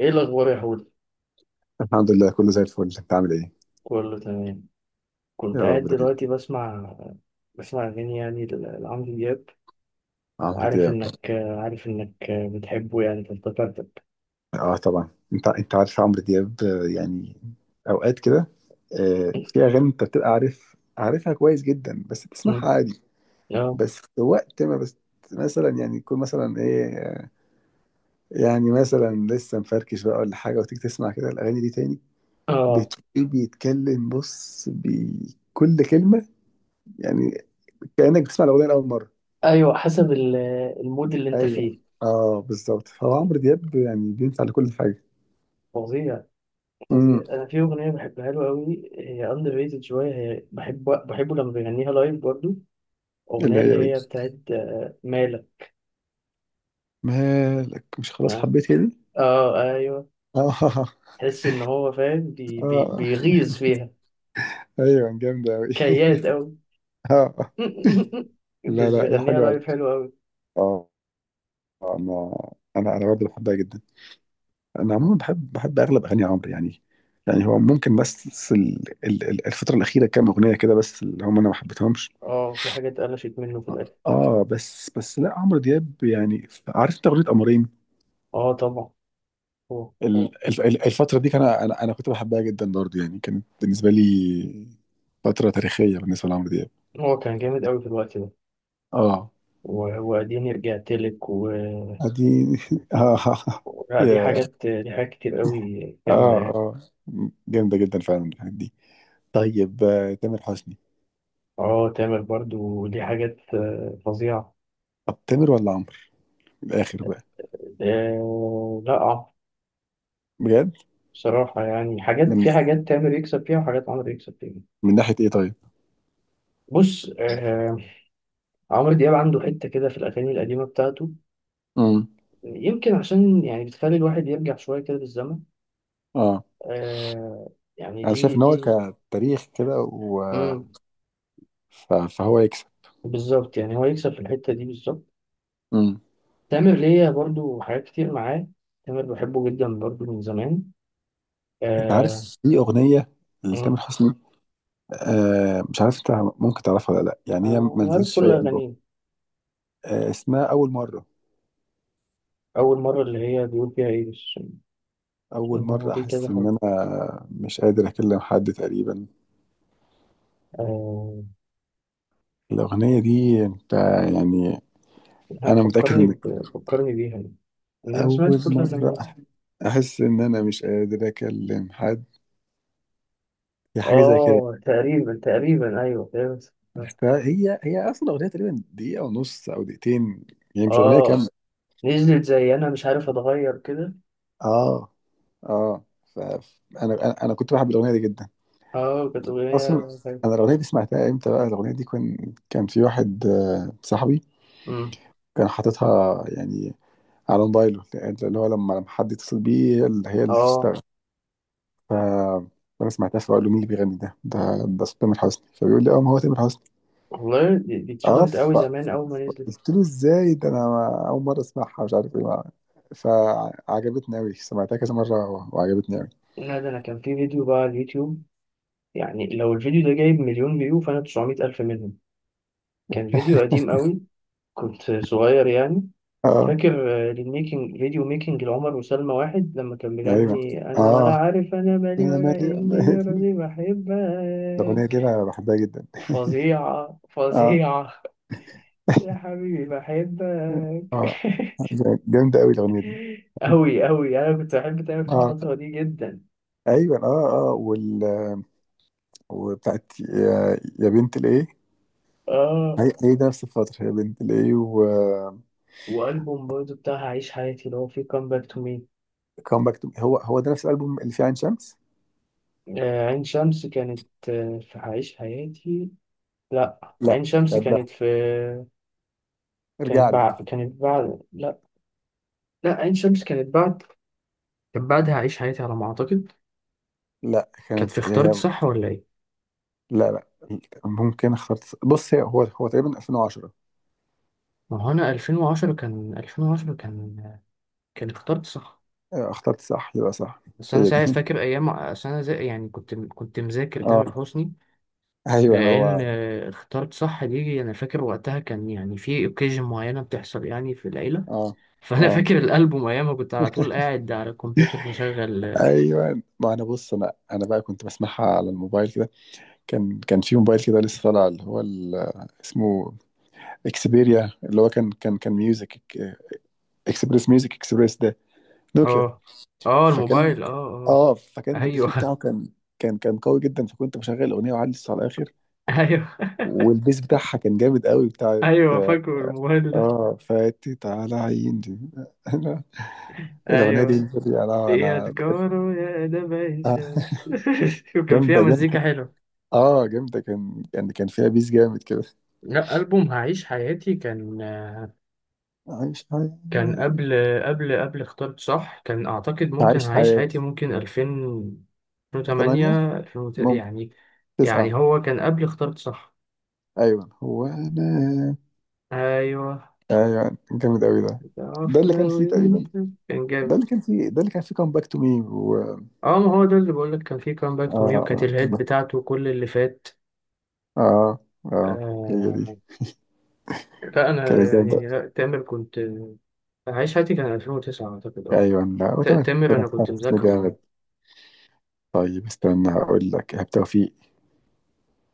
ايه الاخبار يا حود؟ الحمد لله، كله زي الفل. انت عامل ايه؟ كله تمام. يا كنت رب قاعد دايما. دلوقتي بسمع، اغاني يعني لعمرو دياب. عمرو وعارف دياب. انك عارف انك بتحبه يعني فافتكرتك. اه طبعا، انت عارف عمرو دياب، يعني اوقات كده. في اغاني انت بتبقى عارفها كويس جدا، بس أمم، بتسمعها عادي. اه، بس وقت ما بس مثلا يعني يكون مثلا ايه، يعني مثلا لسه مفركش بقى ولا حاجه، وتيجي تسمع كده الاغاني دي تاني، اه، بتلاقيه بيتكلم بص بكل كلمه، يعني كانك بتسمع الاغنيه لاول مره. ايوه، حسب المود اللي انت ايوه، فيه. اه بالظبط. فهو عمرو دياب يعني بينفع لكل حاجه. فظيع، فظيع. امم. انا في اغنيه بحبها له قوي، هي اندر ريتد شويه. هي بحبه لما بيغنيها لايف برضه. اللي اغنيه اللي هي ايه؟ هي بتاعت مالك. مالك، مش خلاص اه، حبيت هدي. اه، ايوه. اه تحس ان هو فاهم بي بي اه بيغيظ فيها. ايوه جامدة اوي. كياد قوي. اه. لا بس لا هي بيغنيها حلوة اوي. لايف حلو قوي. اه، انا انا برضه بحبها جدا. انا عموما بحب اغلب اغاني عمرو، يعني. يعني هو ممكن بس الفترة الأخيرة كام أغنية كده بس اللي هم أنا ما حبيتهمش. اه في حاجات قلشت منه في الاخر. اه بس لا، عمرو دياب يعني. عارف انت اغنيه قمرين؟ اه طبعا، هو الفتره دي كان انا كنت بحبها جدا برضه، يعني كانت بالنسبه لي فتره تاريخيه بالنسبه لعمرو دياب. هو كان جامد قوي في الوقت ده. اه، واديني رجعت لك. اديني اه. لا، دي يا، حاجات، كتير قوي جامده اه يعني. اه جامده جدا فعلا الحاجات دي. طيب، تامر حسني؟ اه تامر برضو دي حاجات فظيعه. طب تامر ولا عمرو؟ من الاخر بقى. آه لا. بجد. بصراحه يعني حاجات، من في حاجات تامر يكسب فيها وحاجات عمرو يكسب فيها. من ناحيه ايه طيب؟ بص آه، عمرو دياب عنده حته كده في الاغاني القديمه بتاعته. امم. يمكن عشان يعني بتخلي الواحد يرجع شويه كده بالزمن. اه آه يعني انا شايف دي ان هو دي كتاريخ كده، مم. فهو يكسب. بالظبط يعني هو يكسب في الحتة دي بالظبط. امم. تامر ليا برضو حاجات كتير معاه. تامر بحبه جدا برضو من زمان. انت آه. عارف في اغنيه لتامر مم. حسني؟ آه مش عارف انت ممكن تعرفها ولا لا، يعني هي ما أنا عارف نزلتش في كل اي البوم. أغانيه. آه اسمها اول مره. أول مرة اللي هي بيقول فيها إيه بس، اول إن هو مره دي كذا احس ان حاجة. انا مش قادر اكلم حد تقريبا. آه الأغنية دي أنت يعني. لا، أنا متأكد إنك. فكرني بيها. يعني أنا سمعت أول كل مرة أغانيه. أحس إن أنا مش قادر أكلم حد. هي حاجة زي كده. آه تقريبا، أيوه تقريبا. عرفتها؟ هي أصلا أغنية تقريبا دقيقة ونص أو دقيقتين، يعني مش أغنية آه كاملة. نزلت زي أنا مش عارف، أتغير كده. آه. آه. فأنا، أنا كنت بحب الأغنية دي جدا آه، كانت أغنية أصلا. أنا الأغنية دي سمعتها إمتى بقى؟ الأغنية دي كان في واحد، صاحبي، حلوة. كان حاططها يعني على موبايله، اللي هو لما حد يتصل بيه هي اللي اه تشتغل. ف انا سمعتها، فبقول له مين اللي بيغني ده؟ ده صوت تامر حسني. فبيقول لي اه ما هو تامر حسني. والله دي اه، اتشهرت قوي زمان فقلت اول ما نزلت. له ازاي ده، انا ما- اول مره اسمعها مش عارف ايه. فعجبتني قوي، سمعتها كذا مره وعجبتني قوي. لا ده انا كان في فيديو بقى على اليوتيوب. يعني لو الفيديو ده جايب مليون فيو، فانا 900 الف منهم. كان فيديو قديم قوي، كنت صغير يعني. اه فاكر الميكنج، فيديو ميكنج لعمر وسلمى، واحد لما كان ايوه بيغني انا ولا اه. عارف انا مالي انا ولا مالي، أنا اني مالي. جرالي الاغنيه دي بحبك. انا بحبها جدا. فظيعة، اه. فظيعة. يا حبيبي بحبك. اه جامده قوي الاغنيه دي. أوي، أوي، أنا كنت بحب تامر في اه الفترة دي جدا. ايوه اه وال، وبتاعت يا بنت الايه. آه. هي ده نفس الفتره يا بنت الايه. وألبوم برضه بتاع عيش حياتي اللي هو فيه كام باك تو مي. كام باك تو، هو ده نفس الالبوم اللي فيه عين شمس. عين شمس كانت في عيش حياتي. لا لا، عين شمس قبلها، كانت في، ارجع لي. كانت بعد. لا، لا، عين شمس كانت بعد. كانت بعدها عيش حياتي على ما أعتقد. لا كانت في كانت اختارت هي. صح، ولا إيه؟ لا لا، ممكن اخترت. بص، هي هو تقريبا 2010. ما هو أنا 2010، كان 2010، كان اختارت صح. آه، اخترت صح، يبقى صح. بس أنا هي دي ساعتها فاكر أيام، أصل أنا زي يعني كنت مذاكر اه تامر حسني. ايوه انا لأن هو. اختارت صح دي، أنا فاكر وقتها كان يعني في أوكيجن معينة بتحصل يعني في العيلة. اه فانا اه فاكر الالبوم، ايامها كنت على طول قاعد على الكمبيوتر مشغل. ايوه. ما انا بص، انا بقى كنت بسمعها على الموبايل كده. كان في موبايل كده لسه طالع اللي هو ال-، اسمه اكسبيريا، اللي هو كان ميوزك اكسبريس. ميوزك اكسبريس ده نوكيا. اه، اه، فكان، الموبايل، اه، اه، اه فكان الهاند فري ايوه. بتاعه كان، كان قوي جدا. فكنت بشغل اغنيه وعلي الصوت على الاخر، ايوه، والبيس بتاعها كان جامد قوي بتاعت. ايوه، فاكر الموبايل ده. اه فاتت على عيني انا الاغنيه دي. ايوه، انا يا تجارة يا نبع آه، شمس. وكان فيها جامده مزيكا جامده. حلوه. اه جامده، كان يعني كان فيها بيس جامد كده. لا ألبوم هعيش حياتي كان، عايش كان حياتي. قبل قبل اخترت صح، كان أعتقد ممكن عايش هعيش حياتي حياتي. ممكن 2000، ثمانية، 2008، 2000 ممكن يعني. تسعة. يعني هو كان قبل اخترت صح. أيوة، هو أنا. أيوه، أيوة جامد أوي ده. ده تعرف اللي كان لو فيه انت تقريبا. كان ده جامد. اللي كان فيه، ده اللي كان فيه كام باك تو مي و. اه ما هو ده اللي بقول لك كان فيه كام باك اه تو مي، وكانت اه الهيد بتاعته كل اللي فات. اه. آه، هي دي. آه لا انا كانت جامدة. يعني، لا تامر كنت، عايش حياتي كان 2009 اعتقد. اه، ايوه، لا وتمام تامر تمام. انا كنت حسن مذاكره يعني. جامد. طيب استنى، هقول لك إيهاب توفيق.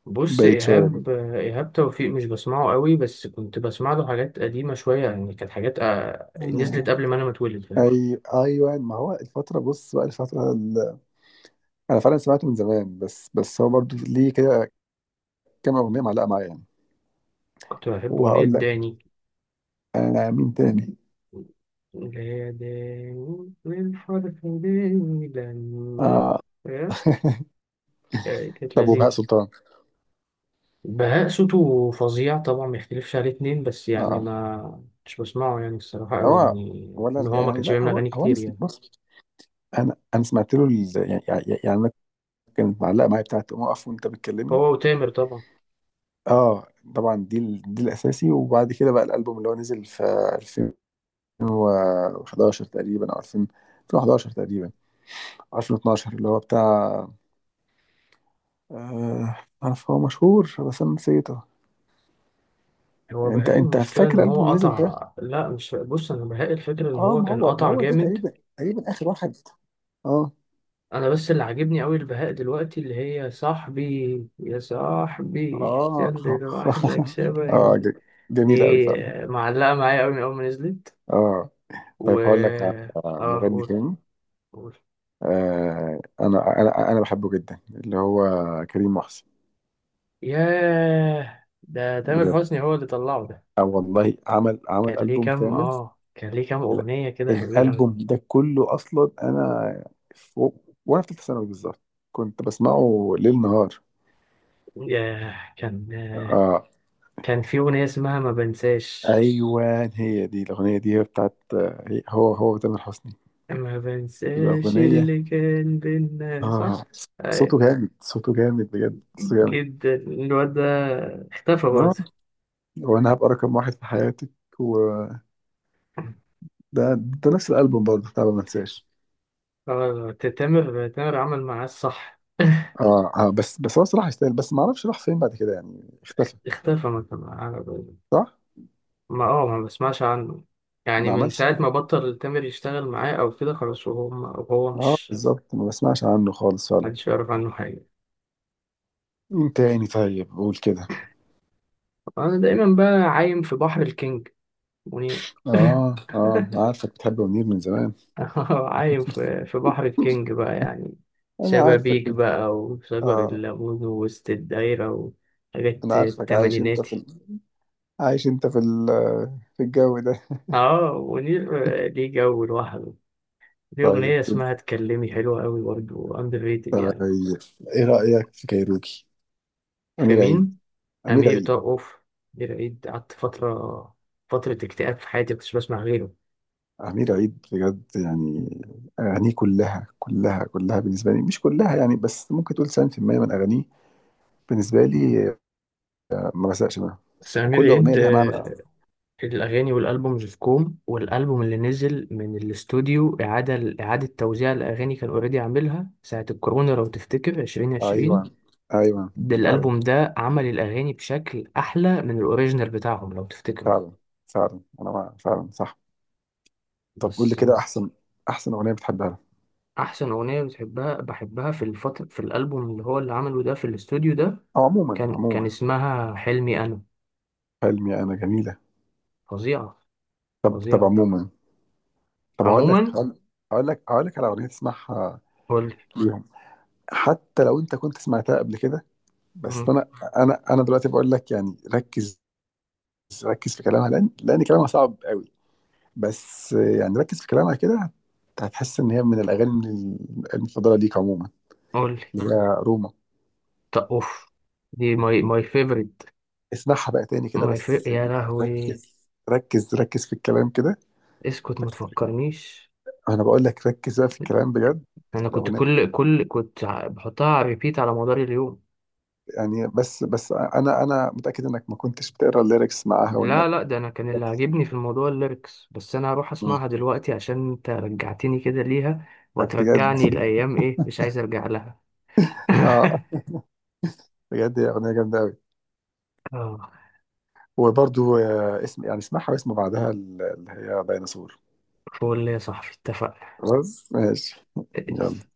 بص بعيد شوية بقى. ايهاب، ايهاب توفيق مش بسمعه قوي، بس كنت بسمع له حاجات قديمه شويه، يعني كانت حاجات آه نزلت آه، قبل ما انا ما اتولد، فاهم؟ اي ايوه، ما هو الفترة، بص بقى الفترة ال... انا فعلا سمعته من زمان، بس هو برضو ليه كده كام اغنية معلقة معايا يعني. كنت بحب اغنيه وهقول لك داني، انا مين تاني. اللي هي داني من حرف داني لما، اه فاهم؟ كانت طب وبهاء لذيذة. سلطان؟ بهاء صوته فظيع طبعا، ما يختلفش عليه اتنين، بس يعني اه، ما، مش بسمعه يعني الصراحة أوي هو يعني. إن اولا هو ما يعني، كانش لا بيعمل هو أغاني هو انا كتير يعني. بص. انا سمعت له ال-، يعني انا كانت معلقه معايا بتاعت قوم اقف وانت بتكلمني. هو وتامر طبعا. اه طبعا، دي ال-، دي الاساسي. وبعد كده بقى الالبوم اللي هو نزل في 2011 تقريبا، او 2000، 2011 تقريبا، أو 2012، اللي هو بتاع آه، عارف هو مشهور بس انا نسيته. هو انت بهاء المشكلة إن فاكر الالبوم هو اللي نزل ده؟ قطع. لا، مش، بص أنا بهاء الفكرة إن اه هو ما كان هو قطع هو ده جامد. تقريبا اخر واحد. اه أنا بس اللي عاجبني أوي البهاء دلوقتي، اللي هي صاحبي يا صاحبي اه خلي لوحدك اه شبهي. دي جميل قوي فعلا. معلقة معايا أوي من أول ما نزلت. اه. و طيب هقول لك على آه، مغني تاني. قول. انا انا بحبه جدا، اللي هو كريم محسن. ياه، ده تامر بجد؟ حسني هو اللي طلعه ده. اه والله، عمل البوم كامل. كان ليه كام ال-، أغنية كده حلوين أوي. الالبوم ده كله اصلا انا فوق وانا في ثالثه ثانوي بالظبط كنت بسمعه ليل نهار. ياه، اه كان في أغنية اسمها ما بنساش. ايوه هي دي الاغنيه دي. هي بتاعت هي-، هو تامر حسني. ما بنساش الاغنيه. اللي كان بينا، اه، صح؟ صوته أيوة، جامد صوته جامد بجد صوته جامد. جدا الواد ده. اختفى اه. برضه. وانا هبقى رقم واحد في حياتك، وده، ده نفس الالبوم برضه بتاع ما انساش. اه تامر عمل معاه الصح. اه. بس هو صراحة يستاهل، بس ما اعرفش راح فين بعد كده يعني اختفى. اختفى ما كان معاه. صح؟ ما بسمعش عنه. يعني ما من عملش. ساعة ما بطل تامر يشتغل معاه أو كده، خلاص، وهو اه مش، بالظبط، ما بسمعش عنه خالص فعلا. محدش يعرف عنه حاجة. مين تاني، طيب قول كده. أنا دايما بقى عايم في بحر الكينج، منير. اه اه انا عارفك بتحب منير من زمان. عايم في بحر الكينج بقى يعني. انا شبابيك عارفك. بقى، وشجر اه الليمون، ووسط الدايرة، انا وحاجات عارفك عايش انت في التمانيناتي. ال...، عايش انت في ال...، في الجو ده. اه منير ليه جو لوحده. ليه طيب، أغنية اسمها اتكلمي حلوة أوي برضه، أندر ريتد طيب. يعني. ايه رأيك في كايروكي؟ في امير عيد. مين؟ امير أمير عيد. طرقوف. أمير عيد قعدت فترة، فترة اكتئاب في حياتي مكنتش بسمع غيره. امير عيد بجد يعني، اغانيه كلها بالنسبة لي، مش كلها يعني، بس ممكن تقول 90% من اغانيه بالنسبة لي، ما بزهقش منها. بس أمير وكل أغنية عيد، ليها معنى. الأغاني والألبومز في كوم، والألبوم اللي نزل من الاستوديو إعادة توزيع الأغاني، كان أوريدي عاملها ساعة الكورونا لو تفتكر، 2020. أيوة أيوة. ده فعلا الألبوم ده عمل الأغاني بشكل أحلى من الأوريجينال بتاعهم لو تفتكروا. فعلا فعلا أنا فعلا صح. طب قول لي بس كده، أحسن أغنية بتحبها لها. أحسن أغنية بحبها في الفترة، في الألبوم اللي هو اللي عمله ده في الاستوديو ده، أو عموما، كان عموما. اسمها حلمي أنا. حلمي أنا جميلة. فظيعة، طب طب فظيعة. عموما. طب عموما، هقول لك، هقول لك على أغنية تسمعها قولي. ليهم، حتى لو أنت كنت سمعتها قبل كده، بس مم، أنا، أنا دلوقتي بقول لك يعني ركز، ركز في كلامها، لأن كلامها صعب قوي، بس يعني ركز في كلامها كده، هتحس ان هي من الاغاني المفضله ليك عموما. قولي. اللي هي روما. طب أوف، دي ماي، فيفورت. اسمعها بقى تاني كده ما يفرق بس، يا يعني لهوي. ركز في الكلام كده. اسكت ما تفكرنيش. انا بقول لك ركز بقى في الكلام بجد. انا كنت، الاغنيه. بحطها على ريبيت على مدار اليوم. يعني بس، انا متاكد انك ما كنتش بتقرا الليركس معاها لا وانك. لا، ده انا كان اللي عاجبني في الموضوع الليركس، بس انا هروح مم. اسمعها دلوقتي عشان انت رجعتني كده ليها، بجد وترجعني الايام، ايه، مش عايز ارجع لها. اه. بجد هي اغنيه جامده قوي. اه، وبرضو اسم يعني اسمعها، واسم بعدها اللي هي ديناصور. فول يا صاحبي، خلاص ماشي. يلا. اتفقنا.